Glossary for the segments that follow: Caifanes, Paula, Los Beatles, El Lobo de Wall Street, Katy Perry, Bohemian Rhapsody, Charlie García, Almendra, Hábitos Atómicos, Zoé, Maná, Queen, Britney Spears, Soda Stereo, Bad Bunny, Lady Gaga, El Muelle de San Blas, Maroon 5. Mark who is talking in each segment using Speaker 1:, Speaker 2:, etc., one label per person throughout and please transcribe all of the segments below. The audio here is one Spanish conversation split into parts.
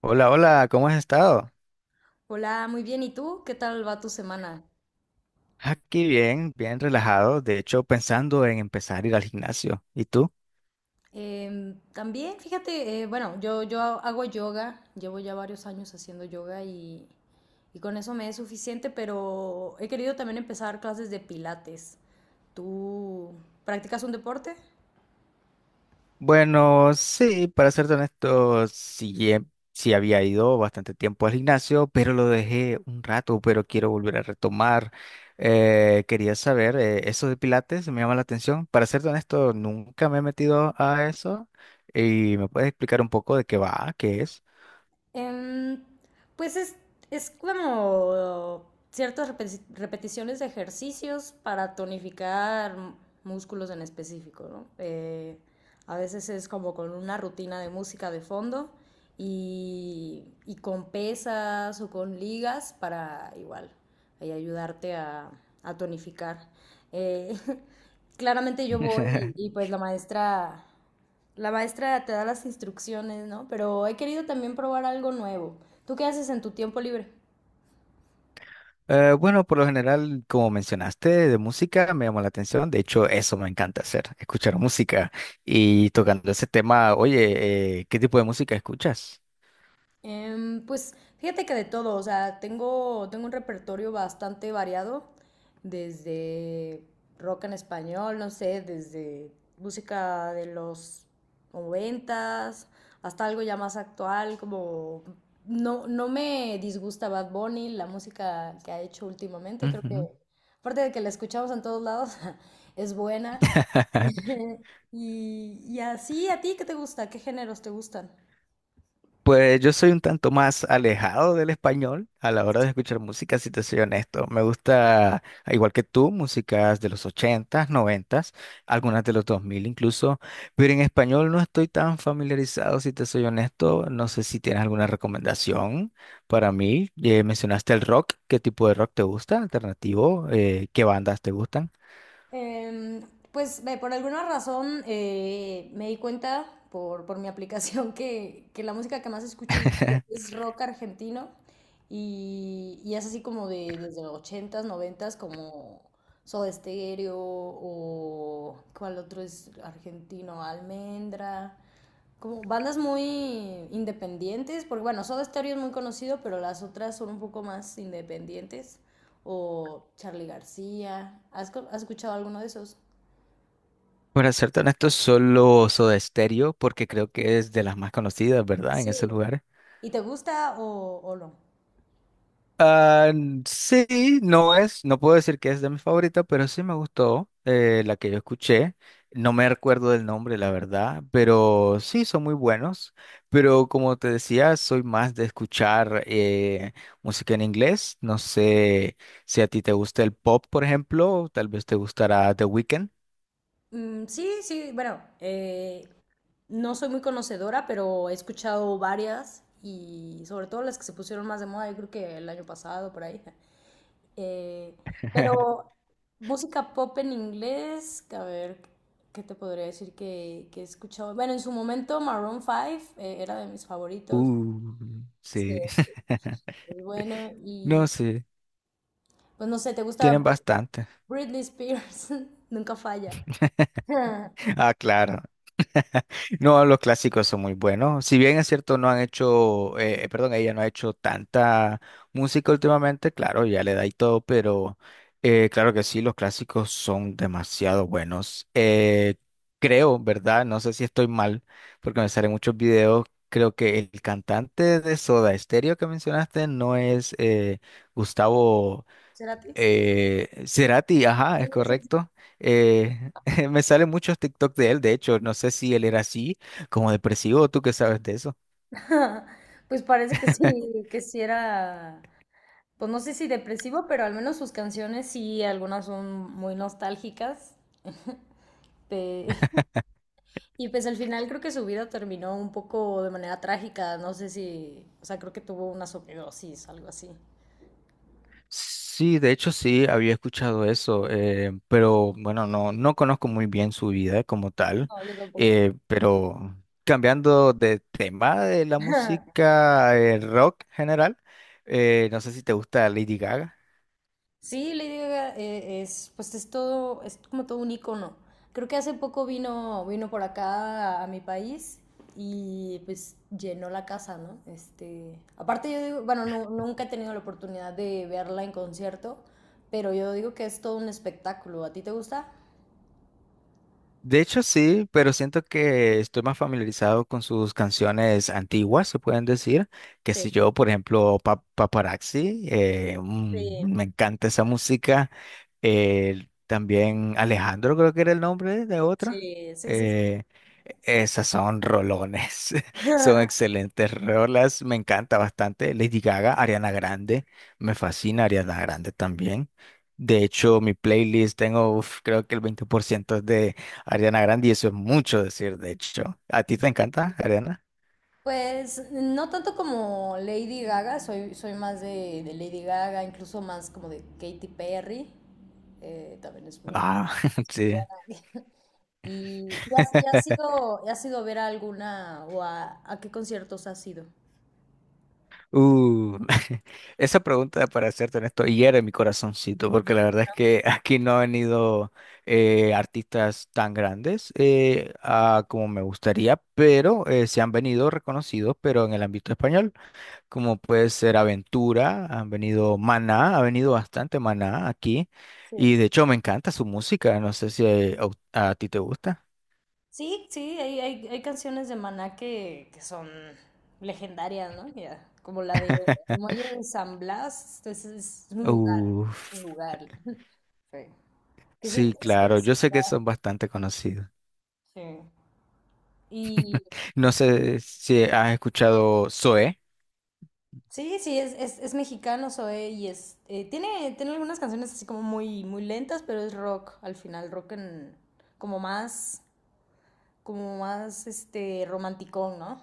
Speaker 1: Hola, hola, ¿cómo has estado?
Speaker 2: Hola, muy bien. ¿Y tú? ¿Qué tal va tu semana?
Speaker 1: Aquí bien, bien relajado, de hecho pensando en empezar a ir al gimnasio. ¿Y tú?
Speaker 2: También, fíjate, bueno, yo hago yoga, llevo ya varios años haciendo yoga y con eso me es suficiente, pero he querido también empezar clases de pilates. ¿Tú practicas un deporte?
Speaker 1: Bueno, sí, para serte honesto, sí, sí había ido bastante tiempo al gimnasio, pero lo dejé un rato, pero quiero volver a retomar. Quería saber, eso de Pilates me llama la atención. Para serte honesto, nunca me he metido a eso. ¿Y me puedes explicar un poco de qué va, qué es?
Speaker 2: Em, pues es como repeticiones de ejercicios para tonificar músculos en específico, ¿no? A veces es como con una rutina de música de fondo y con pesas o con ligas para igual ahí ayudarte a tonificar. Eh, Claramente yo voy y pues la maestra te da las instrucciones, ¿no? Pero he querido también probar algo nuevo. ¿Tú qué haces en tu tiempo libre?
Speaker 1: Bueno, por lo general, como mencionaste, de música me llamó la atención. De hecho, eso me encanta hacer, escuchar música. Y tocando ese tema, oye, ¿qué tipo de música escuchas?
Speaker 2: Pues fíjate que de todo, o sea, tengo un repertorio bastante variado, desde rock en español, no sé, desde música de los noventas, hasta algo ya más actual, como no me disgusta Bad Bunny, la música que ha hecho últimamente, creo que,
Speaker 1: Ujú.
Speaker 2: aparte de que la escuchamos en todos lados, es buena. Y, y así, ¿a ti qué te gusta? ¿Qué géneros te gustan?
Speaker 1: Pues yo soy un tanto más alejado del español a la hora de escuchar música, si te soy honesto. Me gusta, al igual que tú, músicas de los ochentas, noventas, algunas de los 2000, incluso, pero en español no estoy tan familiarizado, si te soy honesto. No sé si tienes alguna recomendación para mí. Mencionaste el rock, ¿qué tipo de rock te gusta? ¿Alternativo? ¿Qué bandas te gustan?
Speaker 2: Em, pues ve, por alguna razón me di cuenta por mi aplicación que la música que más escucho es rock argentino y es así como de desde los ochentas noventas como Soda Stereo o ¿cuál otro es argentino? Almendra, como bandas muy independientes, porque bueno, Soda Stereo es muy conocido, pero las otras son un poco más independientes. O Charlie García. ¿Has escuchado alguno de esos?
Speaker 1: Para ser honesto, solo Soda Stereo, porque creo que es de las más conocidas, ¿verdad? En
Speaker 2: Sí.
Speaker 1: ese lugar.
Speaker 2: ¿Y te gusta o no?
Speaker 1: Ah, sí, no es, no puedo decir que es de mi favorita, pero sí me gustó la que yo escuché. No me recuerdo del nombre, la verdad, pero sí son muy buenos. Pero como te decía, soy más de escuchar música en inglés. No sé si a ti te gusta el pop, por ejemplo, tal vez te gustará The Weeknd.
Speaker 2: Mm, sí, sí, bueno, no soy muy conocedora, pero he escuchado varias y sobre todo las que se pusieron más de moda, yo creo que el año pasado, por ahí. Eh, pero música pop en inglés, a ver, ¿qué te podría decir que he escuchado? Bueno, en su momento Maroon 5 era de mis favoritos.
Speaker 1: Uh,
Speaker 2: Sí,
Speaker 1: sí.
Speaker 2: es bueno.
Speaker 1: No,
Speaker 2: Y
Speaker 1: sí,
Speaker 2: pues no sé,
Speaker 1: tienen bastante.
Speaker 2: Britney Spears? Nunca falla.
Speaker 1: Ah, claro. No, los clásicos son muy buenos. Si bien es cierto, no han hecho, perdón, ella no ha hecho tanta música últimamente, claro, ya le da y todo, pero claro que sí, los clásicos son demasiado buenos. Creo, ¿verdad? No sé si estoy mal, porque me salen muchos videos. Creo que el cantante de Soda Stereo que mencionaste no es Gustavo.
Speaker 2: ¿Será ti?
Speaker 1: Cerati, ajá,
Speaker 2: Sí,
Speaker 1: es
Speaker 2: sí, sí.
Speaker 1: correcto. Eh, me salen muchos TikTok de él, de hecho, no sé si él era así, como depresivo, ¿tú qué sabes de eso?
Speaker 2: Pues parece que sí era, pues no sé si depresivo, pero al menos sus canciones sí, algunas son muy nostálgicas. Pe- Y pues al final creo que su vida terminó un poco de manera trágica, no sé si, o sea, creo que tuvo una sobredosis, algo así.
Speaker 1: Sí, de hecho sí, había escuchado eso, pero bueno, no, no conozco muy bien su vida como tal,
Speaker 2: No, yo tampoco.
Speaker 1: pero cambiando de tema de la música rock general, no sé si te gusta Lady Gaga.
Speaker 2: Sí, Lady Gaga es, pues es todo, es como todo un icono. Creo que hace poco vino por acá a mi país y pues llenó la casa, ¿no? Este, aparte yo digo, bueno, nunca he tenido la oportunidad de verla en concierto, pero yo digo que es todo un espectáculo. ¿A ti te gusta?
Speaker 1: De hecho sí, pero siento que estoy más familiarizado con sus canciones antiguas, se pueden decir, que
Speaker 2: Sí,
Speaker 1: si yo, por ejemplo, Paparazzi,
Speaker 2: sí,
Speaker 1: me encanta esa música. También Alejandro creo que era el nombre de otra.
Speaker 2: sí, sí, sí, sí.
Speaker 1: Eh, e-, esas son rolones, son excelentes rolas, me encanta bastante. Lady Gaga, Ariana Grande, me fascina Ariana Grande también. De hecho, mi playlist tengo, uf, creo que el 20% Ariana Grande, y eso es mucho decir, de hecho. ¿A ti te encanta, Ariana?
Speaker 2: Pues no tanto como Lady Gaga, soy más de Lady Gaga, incluso más como de Katy Perry, también es muy...
Speaker 1: Ah, sí.
Speaker 2: ¿Y has ido a ver a alguna o a qué conciertos has ido?
Speaker 1: Uh, esa pregunta para hacerte honesto hiere mi corazoncito, porque la verdad es que aquí no han venido artistas tan grandes como me gustaría, pero se han venido reconocidos, pero en el ámbito español, como puede ser Aventura, han venido Maná, ha venido bastante Maná aquí,
Speaker 2: Sí.
Speaker 1: y de hecho me encanta su música, no sé si a ti te gusta.
Speaker 2: Sí, sí, hay canciones de Maná que son legendarias, ¿no? Ya, como la de El Muelle de San Blas, es un lugar, es un
Speaker 1: Uf,
Speaker 2: lugar. Sí. Que sí
Speaker 1: sí,
Speaker 2: existe.
Speaker 1: claro,
Speaker 2: Sí.
Speaker 1: yo sé que son bastante conocidos.
Speaker 2: Sí. Y
Speaker 1: No sé si has escuchado Zoé.
Speaker 2: sí, sí, es mexicano Zoé y es, tiene algunas canciones así como muy, muy lentas, pero es rock al final, rock en, como más, como más, este, romanticón, ¿no?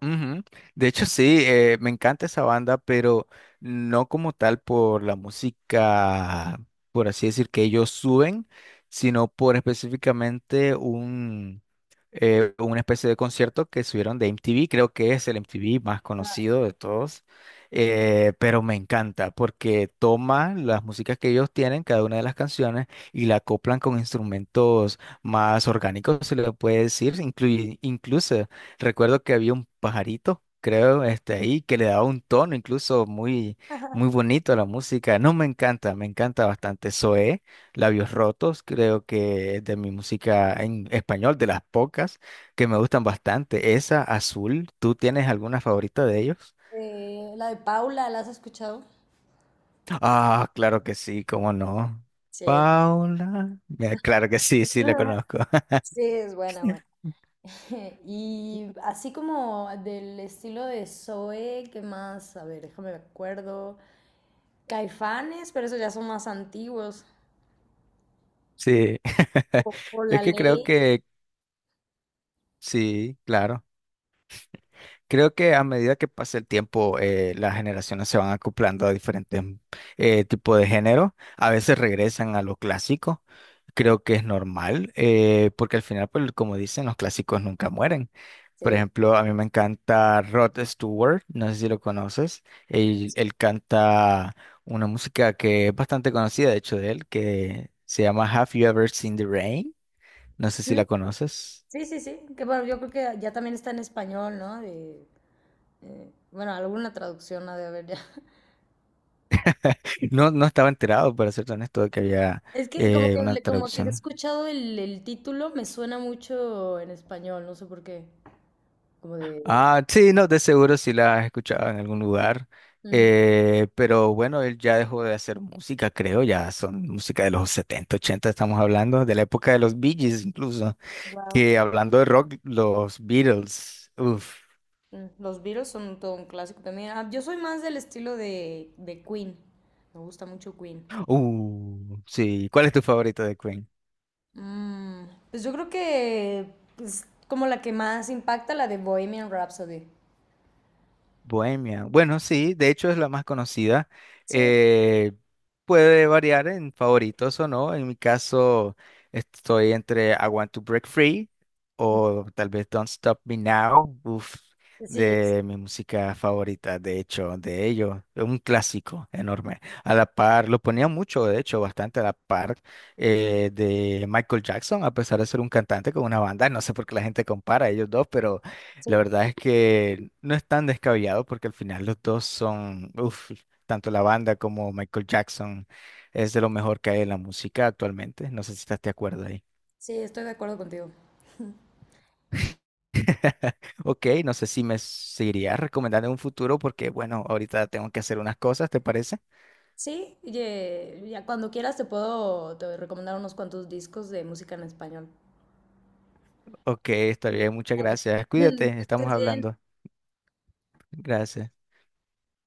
Speaker 1: Ujú. De hecho, sí, me encanta esa banda, pero no como tal por la música, por así decir, que ellos suben, sino por específicamente un, una especie de concierto que subieron de MTV, creo que es el MTV más conocido de todos, pero me encanta porque toma las músicas que ellos tienen, cada una de las canciones, y la acoplan con instrumentos más orgánicos, se le puede decir, incluye, incluso recuerdo que había un pajarito, creo, este ahí, que le daba un tono incluso muy, muy bonito a la música. No, me encanta bastante. Zoé, Labios Rotos, creo que es de mi música en español, de las pocas que me gustan bastante. Esa, Azul, ¿tú tienes alguna favorita de ellos?
Speaker 2: La de Paula, ¿la has escuchado?
Speaker 1: Ah, claro que sí, cómo no.
Speaker 2: Sí, es-
Speaker 1: Paula, mira, claro que sí, sí, la conozco.
Speaker 2: sí, es buena, buena. Y así como del estilo de Zoe, ¿qué más? A ver, déjame me acuerdo. Caifanes, pero esos ya son más antiguos.
Speaker 1: Sí,
Speaker 2: Por
Speaker 1: es
Speaker 2: la
Speaker 1: que creo
Speaker 2: ley.
Speaker 1: que sí, claro. Creo que a medida que pasa el tiempo, las generaciones se van acoplando a diferentes tipos de género. A veces regresan a lo clásico. Creo que es normal, porque al final, pues, como dicen, los clásicos nunca mueren. Por
Speaker 2: Sí.
Speaker 1: ejemplo, a mí me encanta Rod Stewart, no sé si lo conoces. Él canta una música que es bastante conocida, de hecho, de él, que se llama Have You Ever Seen the Rain? No sé si la conoces.
Speaker 2: Sí, sí, sí. Que bueno, yo creo que ya también está en español, ¿no? Eh, bueno, alguna traducción ha de haber ya.
Speaker 1: No, no estaba enterado, para ser honesto, de que había
Speaker 2: Es que como
Speaker 1: una
Speaker 2: como que he
Speaker 1: traducción.
Speaker 2: escuchado el título, me suena mucho en español, no sé por qué. Como de.
Speaker 1: Ah, sí, no, de seguro sí la has escuchado en algún lugar. Pero bueno, él ya dejó de hacer música, creo, ya son música de los 70 80 estamos hablando, de la época de los Bee Gees incluso.
Speaker 2: Wow.
Speaker 1: Que hablando de rock, los Beatles. Uf.
Speaker 2: Los Beatles son todo un clásico también. Ah, yo soy más del estilo de Queen. Me gusta mucho Queen.
Speaker 1: Sí. ¿Cuál es tu favorito de
Speaker 2: Mm, pues yo creo que es como la que más impacta, la de Bohemian Rhapsody.
Speaker 1: Bohemia? Bueno, sí, de hecho es la más conocida.
Speaker 2: Sí,
Speaker 1: Eh, puede variar en favoritos o no. En mi caso, estoy entre I Want to Break Free o tal vez Don't Stop Me Now, uf,
Speaker 2: sí,
Speaker 1: de mi música favorita, de hecho, de ellos. Es un clásico enorme. A la par, lo ponía mucho, de hecho, bastante a la par de Michael Jackson, a pesar de ser un cantante con una banda. No sé por qué la gente compara a ellos dos, pero la
Speaker 2: sí.
Speaker 1: verdad es que no es tan descabellado porque al final los dos son, uff, tanto la banda como Michael Jackson es de lo mejor que hay en la música actualmente. No sé si estás de acuerdo ahí.
Speaker 2: Sí, estoy de acuerdo contigo.
Speaker 1: Ok, no sé si me seguirías recomendando en un futuro porque, bueno, ahorita tengo que hacer unas cosas, ¿te parece?
Speaker 2: Sí, ya cuando quieras te recomendar unos cuantos discos de música en español.
Speaker 1: Ok, está bien, muchas
Speaker 2: Ay.
Speaker 1: gracias. Cuídate,
Speaker 2: Que
Speaker 1: estamos
Speaker 2: estés bien.
Speaker 1: hablando. Gracias.